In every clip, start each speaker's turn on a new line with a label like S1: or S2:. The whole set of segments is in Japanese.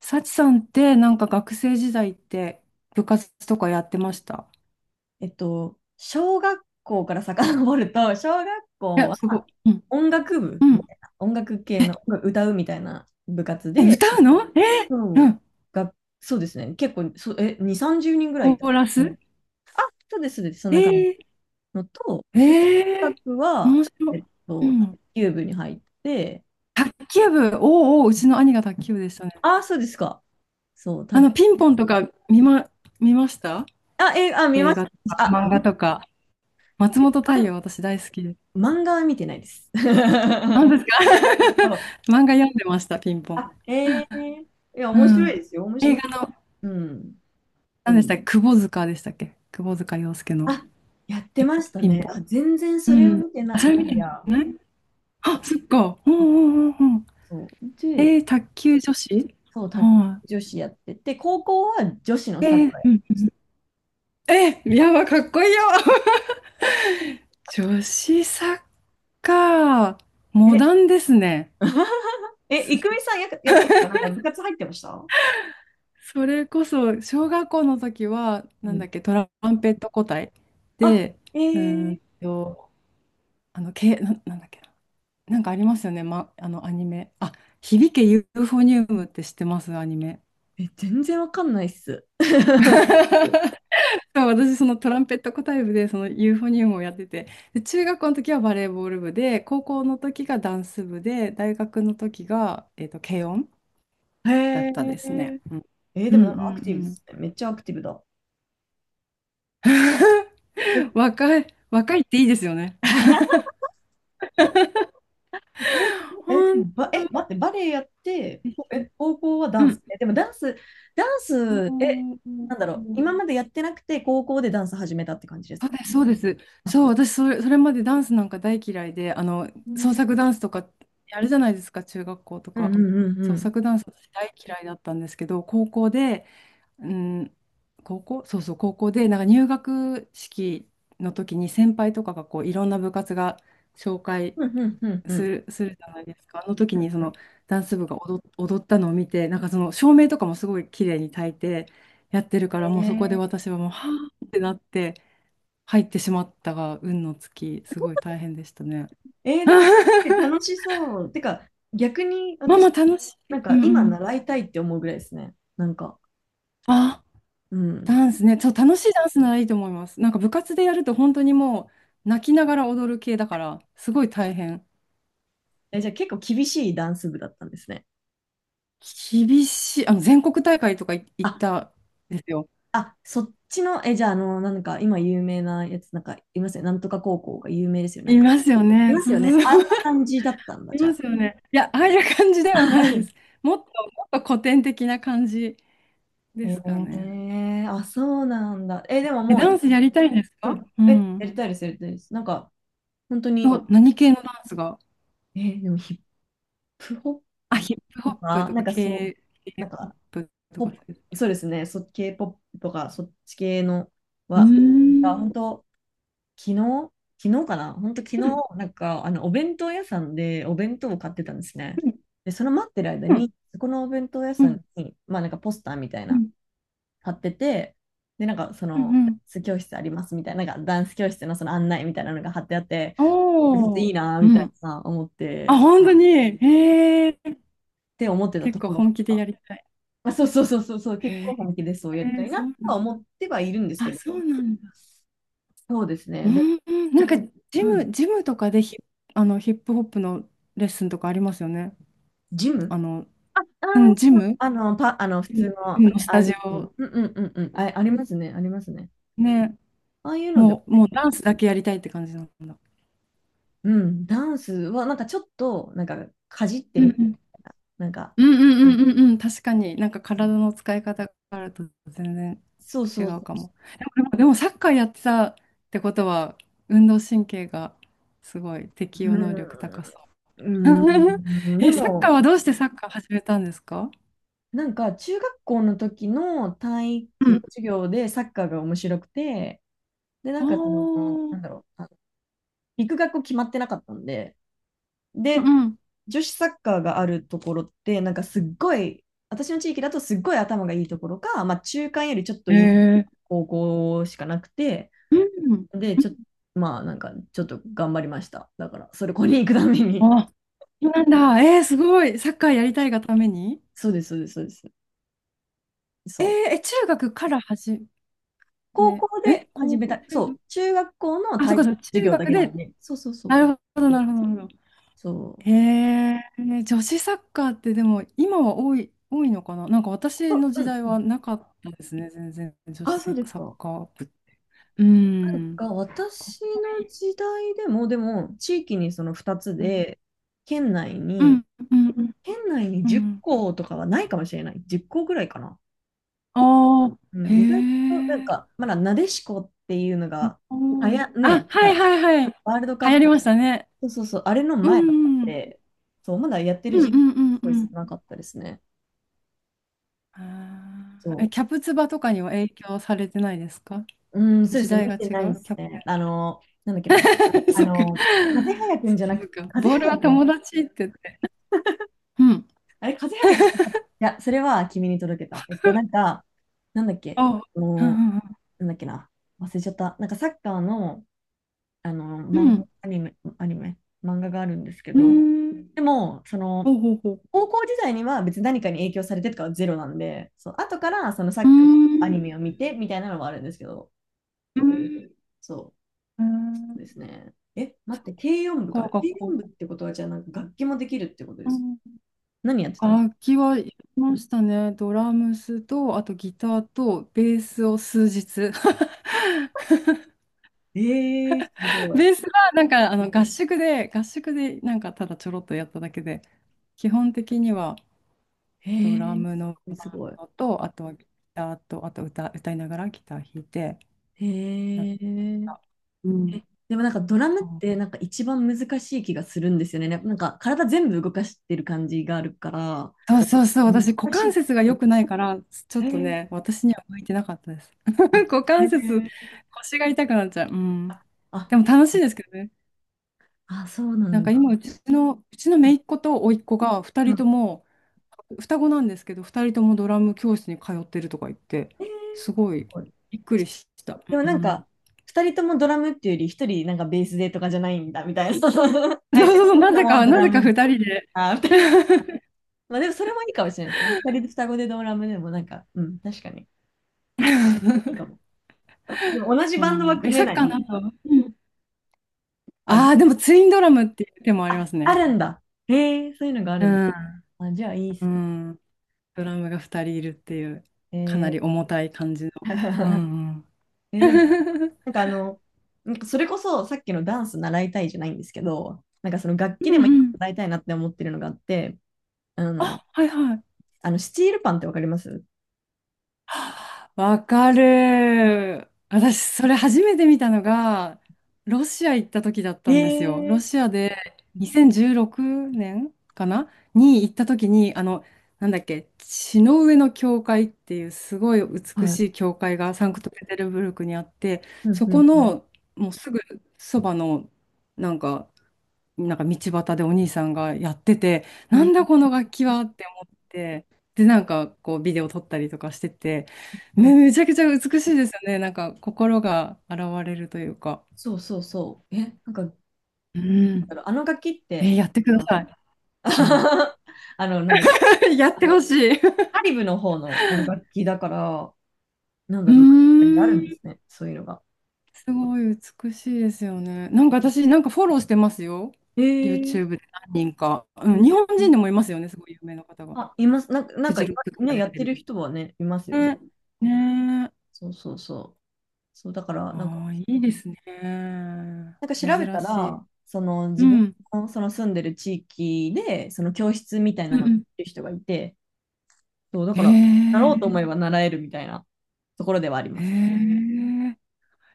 S1: サチさんってなんか学生時代って部活とかやってました？
S2: 小学校から遡ると、小学校
S1: え、すご
S2: は
S1: い。うん。
S2: 音楽部
S1: うん。
S2: みたいな、音楽系の歌うみたいな部活
S1: え、
S2: で、
S1: 歌うの？え
S2: そ
S1: ー、う
S2: う
S1: ん。
S2: がそうですね、結構そ、え、2、30人ぐら
S1: コ
S2: いいた。
S1: ーラ
S2: うん。
S1: ス？
S2: あ、そうです、そうです、そんな感じ
S1: え
S2: のと、
S1: ー、
S2: で、部
S1: えー、
S2: 活は、
S1: 面白い。う
S2: 卓
S1: ん。
S2: 球部に入って、
S1: 卓球部、おうおう、うちの兄が卓球部でしたね。
S2: あ、そうですか。そう、卓
S1: ピンポンとか見ました。
S2: あ、え、あ、見ま
S1: 映
S2: し
S1: 画とか、
S2: た。あ、
S1: 漫画とか。松本
S2: ま
S1: 太陽、私大好きです。
S2: 漫画は見てないです。
S1: 何ですか？
S2: そう。
S1: 漫画読んでました、ピンポン。
S2: あ、ええいや、
S1: う
S2: 面白
S1: ん。
S2: いですよ。面
S1: 映
S2: 白い。
S1: 画の、
S2: うん。
S1: 何でしたっけ、窪塚でしたっけ、久保塚洋介の。
S2: あ、やってました
S1: ピン
S2: ね。あ、
S1: ポ
S2: 全然
S1: ン。
S2: そ
S1: う
S2: れを
S1: ん。
S2: 見て
S1: あ、
S2: な、
S1: それ見
S2: な
S1: て
S2: いや。
S1: ない。あ、そっか。うんう
S2: うん。
S1: んうんうん。
S2: そう。
S1: え
S2: で、
S1: ー、卓球女子、
S2: そう、
S1: は
S2: 女子やってて、高校は女子の
S1: い。え
S2: サッ
S1: ー、
S2: カーや
S1: う
S2: っ
S1: んうん。えー、やば、かっこいいよ。女子サッカー、モ
S2: て、
S1: ダンですね。
S2: え、い
S1: そ、
S2: くみさんやってました。なんか部活入ってました？
S1: それこそ、小学校の時は、な
S2: う
S1: ん
S2: ん、
S1: だっけ、トランペット個体
S2: あ、
S1: で、
S2: え
S1: うーん
S2: ー、
S1: と、なんだっけな、なんかありますよね、ま、アニメ。あ、響けユーフォニウムって知ってます？アニメ。
S2: 全然わかんないっす。
S1: そう私、そのトランペット小体部で、そのユーフォニウムをやってて、で、中学校の時はバレーボール部で、高校の時がダンス部で、大学の時が、軽音
S2: へ
S1: だったですね。
S2: え。
S1: うん、う
S2: で
S1: ん、う
S2: も
S1: ん
S2: なんかアクティブっ
S1: うん
S2: すね。めっちゃアクティブだ。え
S1: 若い、若いっていいですよね。
S2: で
S1: 本
S2: も
S1: 当。
S2: 待って、バレエやって、高校はダ
S1: う
S2: ンス。
S1: ん。
S2: でもダンス、ダン
S1: う
S2: ス、なんだ
S1: ん、
S2: ろう、今までやってなくて、高校でダンス始めたって感じです
S1: そうで
S2: か？
S1: す、そうです。
S2: あ、
S1: そう、私それまでダンスなんか大嫌いで、創
S2: ね。
S1: 作ダンスとかやるじゃないですか、中学校と
S2: うん
S1: か。
S2: うんうんう
S1: 創
S2: ん。
S1: 作ダンス私大嫌いだったんですけど、高校で、うん、そうそう、高校で、なんか入学式の時に先輩とかがこういろんな部活が紹介
S2: うんうんうんう
S1: す
S2: ん。
S1: る、するじゃないですか。あの時
S2: うん
S1: にそ
S2: う
S1: の
S2: ん。
S1: ダンス部が踊ったのを見て、なんかその照明とかもすごい綺麗に焚いてやってるから、もうそこで
S2: え
S1: 私はもう、はぁってなって入ってしまったが、運の尽き、すごい大変でしたね。
S2: でも、楽しそう。てか、逆に
S1: マ
S2: 私、
S1: マ楽しい。
S2: なん
S1: う
S2: か
S1: んう
S2: 今
S1: ん。
S2: 習いたいって思うぐらいですね。なんか、
S1: あ、
S2: うん。
S1: ダンスね、そう、楽しいダンスならいいと思います。なんか部活でやると本当にもう泣きながら踊る系だから、すごい大変。
S2: じゃあ結構厳しいダンス部だったんですね。
S1: 厳しい。全国大会とか行っ
S2: あ
S1: たんですよ。
S2: あ、そっちの、じゃあ、なんか、今有名なやつ、なんか、いますよね。なんとか高校が有名ですよ。なん
S1: い
S2: か、
S1: ますよ
S2: い
S1: ね。
S2: ます
S1: そう
S2: よね。
S1: そう
S2: あ
S1: そ
S2: ん
S1: う。
S2: な感じだったん だ、
S1: い
S2: じゃ
S1: ま
S2: あ。
S1: すよね。いや、ああいう感じではないです。もっと、もっと古典的な感じですか
S2: へ
S1: ね。
S2: え、あ、そうなんだ。でも
S1: え、
S2: もう、
S1: ダンスやりたいんです
S2: う
S1: か？
S2: ん。
S1: うん。
S2: やりたいです、やりたいです。なんか、本当に、
S1: 何系のダンスが
S2: でもヒップホップ
S1: ヒップホ
S2: と
S1: ップ
S2: か、
S1: と
S2: なん
S1: か
S2: かそう、
S1: k p
S2: なん
S1: ッ
S2: か、
S1: プと
S2: ポ
S1: か
S2: ッ
S1: そういう。
S2: プそうですね、k ポップとか、そっち系の
S1: うー
S2: は、あ、
S1: ん。
S2: 本当昨日、昨日かな、本当昨日、
S1: うん。
S2: なんか、お弁当屋さんでお弁当を買ってたんですね。
S1: うん。
S2: で、その待ってる間に、そこのお弁当屋
S1: う
S2: さ
S1: ん。
S2: んに、まあなんかポスターみたい
S1: う
S2: な、
S1: ん。
S2: 貼ってて、で、なんかそ
S1: うん
S2: の、
S1: う
S2: ダ
S1: ん。
S2: ンス教室ありますみたいな、なんかダンス教室のその案内みたいなのが貼ってあって、これ
S1: お
S2: い
S1: お。
S2: いなー
S1: う
S2: みたい
S1: ん。
S2: な思って、
S1: あ、
S2: っ
S1: 本当に。へえ。
S2: て思ってた
S1: 結
S2: と
S1: 構
S2: ころが、
S1: 本気でやりたい。
S2: あ、そうそうそうそうそう、結
S1: へ
S2: 構
S1: え、
S2: 本気でそうやりたい
S1: そ
S2: なと
S1: うなん
S2: は
S1: だ。
S2: 思ってはいるんですけ
S1: あ、
S2: ど、
S1: そうなんだ。
S2: そうですね。
S1: う
S2: で、
S1: ん、なんか、
S2: うん、
S1: ジムとかでヒ、あの、ヒップホップのレッスンとかありますよね。
S2: ジ
S1: あ
S2: ム、
S1: の、うん、
S2: あの、パ、あの、普通の、
S1: ジ
S2: あ
S1: ムのス
S2: あ
S1: タ
S2: い
S1: ジ
S2: う、うん
S1: オ。
S2: うんうんうん、あ、ありますね、ありますね。
S1: ね。
S2: ああいうのでも、
S1: もうダンスだけやりたいって感じなんだ。
S2: うん、ダンスは、なんかちょっと、なんか、かじって
S1: うんう
S2: みた。
S1: ん
S2: なんか、
S1: うんうんうんうんうん、確かになんか体の使い方があると全然
S2: そう
S1: 違
S2: そうそ
S1: う
S2: う。
S1: かも。でもサッカーやってたってことは、運動神経がすごい適応能力
S2: う
S1: 高そう。
S2: ん、う ん、で
S1: え、サッカー
S2: も、
S1: はどうしてサッカー始めたんですか？
S2: なんか、中学校の時の体
S1: う
S2: 育の
S1: ん、
S2: 授業でサッカーが面白くて、で、な
S1: ああ
S2: んか、その、
S1: ー、
S2: なんだろう、行く学校決まってなかったんで、
S1: う
S2: で、
S1: ん、
S2: 女子サッカーがあるところって、なんかすっごい、私の地域だとすっごい頭がいいところか、まあ中間よりちょっと
S1: へえ
S2: いい
S1: ー。
S2: 高校しかなくて、
S1: うんうん、
S2: で、ちょっと、まあなんかちょっと頑張りました。だから、それこに行くために。
S1: あ、そうなんだ。えー、すごい。サッカーやりたいがために。
S2: そうです、そうです、そうです。
S1: え
S2: そ
S1: ー、
S2: う。
S1: 中学から始め、
S2: 高校
S1: ん、
S2: で始
S1: 高
S2: め
S1: 校、
S2: た、
S1: 中
S2: そ
S1: 学。
S2: う、中学校の
S1: あ、そ
S2: 体
S1: っかそっ
S2: 育
S1: か、
S2: 授
S1: 中
S2: 業だ
S1: 学
S2: けなの
S1: で、
S2: で、そうそうそ
S1: な
S2: う。
S1: るほど、なるほど、なるほど。
S2: そ
S1: へえ、女子サッカーってでも今は多いのかな。なんか
S2: う。
S1: 私
S2: あ、
S1: の
S2: う
S1: 時
S2: ん
S1: 代
S2: うん。
S1: はなかったですね、全然女子
S2: あ、そ
S1: サ
S2: うです
S1: ッ
S2: か。
S1: カー部って。う
S2: なん
S1: ん、
S2: か
S1: かっ
S2: 私
S1: こい
S2: の
S1: い。
S2: 時代でも、でも地域にその2つ
S1: うん
S2: で、県内
S1: う
S2: に、
S1: んうん
S2: 県内に
S1: う
S2: 10
S1: ん。
S2: 校とかはないかもしれない。10校ぐらいかな。
S1: ああ、
S2: う
S1: へ
S2: ん、意外となん
S1: え、
S2: か、まだなでしこっていうのが、
S1: 多い。あ、
S2: ね、
S1: は
S2: な
S1: い
S2: んか
S1: はいはい。
S2: ワールドカ
S1: 流
S2: ッ
S1: 行
S2: プ、
S1: りましたね。
S2: そうそうそう、あれの
S1: う
S2: 前だったん
S1: んうん
S2: で、そう、まだやってる
S1: うんう
S2: 人口す
S1: んう
S2: ごい少
S1: ん、
S2: なかったですね。
S1: ああ、え、
S2: そ
S1: キャプツバとかには影響されてないですか？
S2: う。うん、そうで
S1: 時
S2: すね、
S1: 代
S2: 見
S1: が
S2: て
S1: 違
S2: ないで
S1: う
S2: す
S1: キャプ。
S2: ね。なんだっけな。
S1: そっか。
S2: 風早くんじゃな
S1: そ
S2: く
S1: っ
S2: て、
S1: か。
S2: 風
S1: ボール
S2: 早
S1: は
S2: くん。
S1: 友達って言って。うん。
S2: あれ、風邪はくじゃなかった？いや、それは君に届けた。なんか、なんだっけ、
S1: ああ。
S2: あ
S1: う
S2: の
S1: んうん
S2: なんだっけな、忘れちゃった。なんかサッカーの、あの
S1: う
S2: 漫画、
S1: ん。
S2: アニメ、漫画があるんですけ
S1: う
S2: ど、
S1: ん。うーん。
S2: でも、その、
S1: ほうほうほう。
S2: 高校時代には別に何かに影響されてとかはゼロなんで、そう、後からそのサッ
S1: うー
S2: カー、アニ
S1: ん。
S2: メを
S1: う
S2: 見てみたいなのはあるんですけど、
S1: ーん。
S2: そ
S1: ー
S2: う
S1: ん
S2: ですね。待
S1: サ
S2: って、軽音部か。
S1: ッカーが
S2: 軽音
S1: こ
S2: 部ってことは、じゃあなんか楽器もできるってことで
S1: う。う
S2: すか？
S1: ん。
S2: 何やってたの？
S1: 楽器はやりましたね。ドラムスと、あとギターと、ベースを数日。
S2: えす ごい。
S1: ベースはなんか合宿で、なんかただちょろっとやっただけで、基本的には
S2: へ
S1: ドラ
S2: え、す
S1: ムの
S2: ごい
S1: バ
S2: す
S1: ン
S2: ごい。
S1: ドと、あとはギターと、あと歌いながらギター弾いて
S2: へ
S1: やっ
S2: え。
S1: た。うん。
S2: でもなんかドラムって
S1: そ
S2: なんか一番難しい気がするんですよね。なんか体全部動かしてる感じがあるから。
S1: うそうそうそう、私、股
S2: 難し
S1: 関
S2: い。
S1: 節が良くないから、ちょ
S2: へ
S1: っと
S2: え。
S1: ね、私には向いてなかったです。
S2: あ、
S1: 股
S2: へ
S1: 関節、
S2: え。
S1: 腰が痛くなっちゃう。うん。
S2: あ、
S1: でも楽しいですけどね。
S2: あ、そうな
S1: なん
S2: ん
S1: か
S2: だ。
S1: 今、うちの
S2: うん。
S1: 姪っ子と甥っ子が二
S2: う
S1: 人と
S2: ん。
S1: も、双子なんですけど、二人ともドラム教室に通ってるとか言って、
S2: へえ。
S1: すご
S2: す
S1: い
S2: ごい。
S1: びっくりした。
S2: でも
S1: う
S2: な
S1: んう
S2: ん
S1: ん、
S2: か、二人ともドラムっていうより、一人なんかベースでとかじゃないんだみたいな。
S1: そう
S2: 相手
S1: そうそう、
S2: ともド
S1: な
S2: ラ
S1: ぜか
S2: ム
S1: 二
S2: みたい
S1: 人で。
S2: な。あ、二人とも。まあでもそれもいいかもしれないですね。二人で双子でドラムでもなんか、うん、確かに。いいか も。でも同じ
S1: う
S2: バンドは
S1: ん。え、
S2: 組め
S1: サッ
S2: な
S1: カー
S2: い。
S1: の後、うん。
S2: あ、
S1: ああ、でもツインドラムっていう手もありま
S2: あ、
S1: す
S2: あ
S1: ね。
S2: るんだ。へえ、そういうのがあ
S1: う
S2: るんだ。
S1: ん、
S2: あ、じゃあいいっ
S1: う
S2: すね。
S1: ん。ドラムが二人いるっていう、かな
S2: へー。
S1: り重たい感じの。う んうん。
S2: でも、なんかなんかそれこそさっきのダンス習いたいじゃないんですけど、なんかその楽
S1: う
S2: 器で
S1: ん
S2: も一
S1: う
S2: 個
S1: ん。
S2: 習いたいなって思ってるのがあって、あの、
S1: はいはい。
S2: あのスチールパンってわかります？
S1: わかる。私、それ初めて見たのが、ロシア行った時だっ
S2: へ
S1: たんですよ。ロ
S2: え
S1: シアで2016年かなに行った時に、なんだっけ、血の上の教会っていうすごい
S2: ー、
S1: 美
S2: は
S1: しい
S2: い。
S1: 教会がサンクトペテルブルクにあって、
S2: うん
S1: そ
S2: うんう
S1: こ
S2: ん。
S1: のもうすぐそばの、なんか、なんか道端でお兄さんがやってて、
S2: う
S1: な
S2: ん
S1: んだこの楽器はって思って、で、なんかこうビデオ撮ったりとかしてて、
S2: うん。
S1: めちゃくちゃ美しいですよね。なんか心が洗われるというか。
S2: そうそうそう。なんか、なん
S1: う
S2: だ
S1: ん。
S2: ろうあの楽器っ
S1: えー、
S2: て、
S1: やってく
S2: あ
S1: だ
S2: の、
S1: さい。うん
S2: なんだっけ、
S1: やってほしい。う
S2: カリブの方のあの楽器だから、なんだ
S1: ー
S2: ろう、ロシアにあるん
S1: ん。
S2: ですね、そういうのが。
S1: すごい美しいですよね。なんか私、なんかフォローしてますよ。
S2: へえ
S1: YouTube で何人か。う
S2: ー、へ
S1: ん、日本人
S2: え。
S1: でもいますよね、すごい有名な方が。
S2: あ、います。なんか、な
S1: フ
S2: んか
S1: ジロッ
S2: 今、
S1: クとか
S2: ね、
S1: 出
S2: やっ
S1: て
S2: て
S1: る。
S2: る人はね、いますよね。
S1: ね。ね、
S2: そうそうそう。そう、だから、なんか、
S1: ああ、いいですね。
S2: なんか調べた
S1: 珍しい。
S2: ら、その自分
S1: うん。
S2: のその住んでる地域で、その教室みたい
S1: う
S2: な
S1: ん
S2: のをや
S1: う
S2: っ
S1: ん。
S2: てる人がいて、そう、だか
S1: え
S2: ら、なろうと思えば
S1: え
S2: 習えるみたいなところではあります。
S1: ええ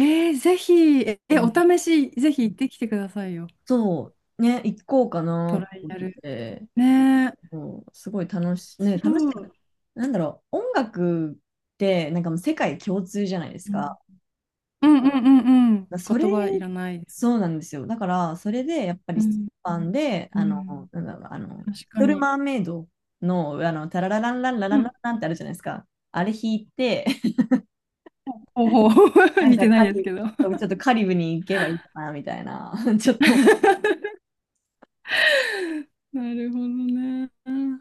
S1: ええ、ぜひ、
S2: うん。
S1: お試し、ぜひ行ってきてくださいよ。
S2: そう、ね、行こうか
S1: ト
S2: な
S1: ラ
S2: と
S1: イ
S2: 思っ
S1: ア
S2: て
S1: ル。
S2: て、
S1: ねえ。
S2: こうすごいね、
S1: 白い。
S2: 楽しい。なんだろう、音楽ってなんかもう世界共通じゃないです
S1: う
S2: か。
S1: んうんうんうんうん。
S2: それ、
S1: 言葉いらない。
S2: そうなんですよ。だから、それでやっぱり
S1: う
S2: ス
S1: ん。
S2: パンで、
S1: うん。
S2: なんだろう、リ
S1: 確か
S2: トル・
S1: に。
S2: マーメイドの、タララランランララ
S1: う
S2: ンラン
S1: ん。
S2: ランってあるじゃないですか。あれ弾いて、
S1: ほうほうほ う。
S2: なん
S1: 見
S2: か
S1: てな
S2: カ
S1: いです
S2: リ
S1: けど。
S2: ブ、ち ょっとカリブに行けばいいかな、みたいな、ちょっと
S1: なるほどね。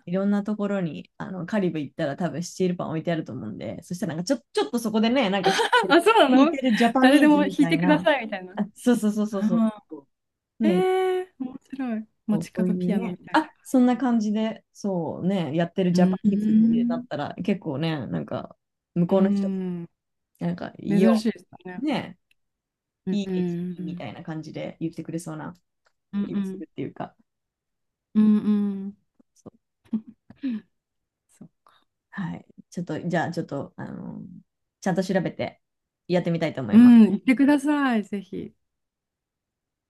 S2: いろんなところに、カリブ行ったら多分スチールパン置いてあると思うんで、そしたらなんかちょっとそこでね、なんか
S1: あ、そうな
S2: 弾いて
S1: の？
S2: るジャパニ
S1: 誰で
S2: ー
S1: も
S2: ズ
S1: 弾
S2: み
S1: い
S2: たい
S1: てくだ
S2: な、
S1: さいみたいな。
S2: あ、そうそうそうそうそ
S1: は、
S2: う、
S1: え
S2: ね、
S1: え、面白い。
S2: そ
S1: 街
S2: うそう
S1: 角
S2: い
S1: ピ
S2: う
S1: アノみ
S2: ね、
S1: たいな
S2: あ、
S1: 感
S2: そんな
S1: じで。
S2: 感じで、そうね、やってる
S1: う
S2: ジャパ
S1: ー
S2: ニーズってなっ
S1: ん。
S2: たら結構ね、なんか向
S1: う
S2: こうの人、
S1: ん、
S2: なんか、いい
S1: 珍
S2: よ、
S1: しいですね。
S2: ね、
S1: うん
S2: いい
S1: う
S2: 駅みた
S1: ん
S2: いな感じで言ってくれそうな
S1: う
S2: 気がする
S1: ん。
S2: っていうか、
S1: うんうん。うんうん。
S2: そう。
S1: そう。
S2: はい、ちょっと、じゃあちょっと、ちゃんと調べてやってみたいと思い
S1: う
S2: ます。
S1: ん、行ってください、ぜひ。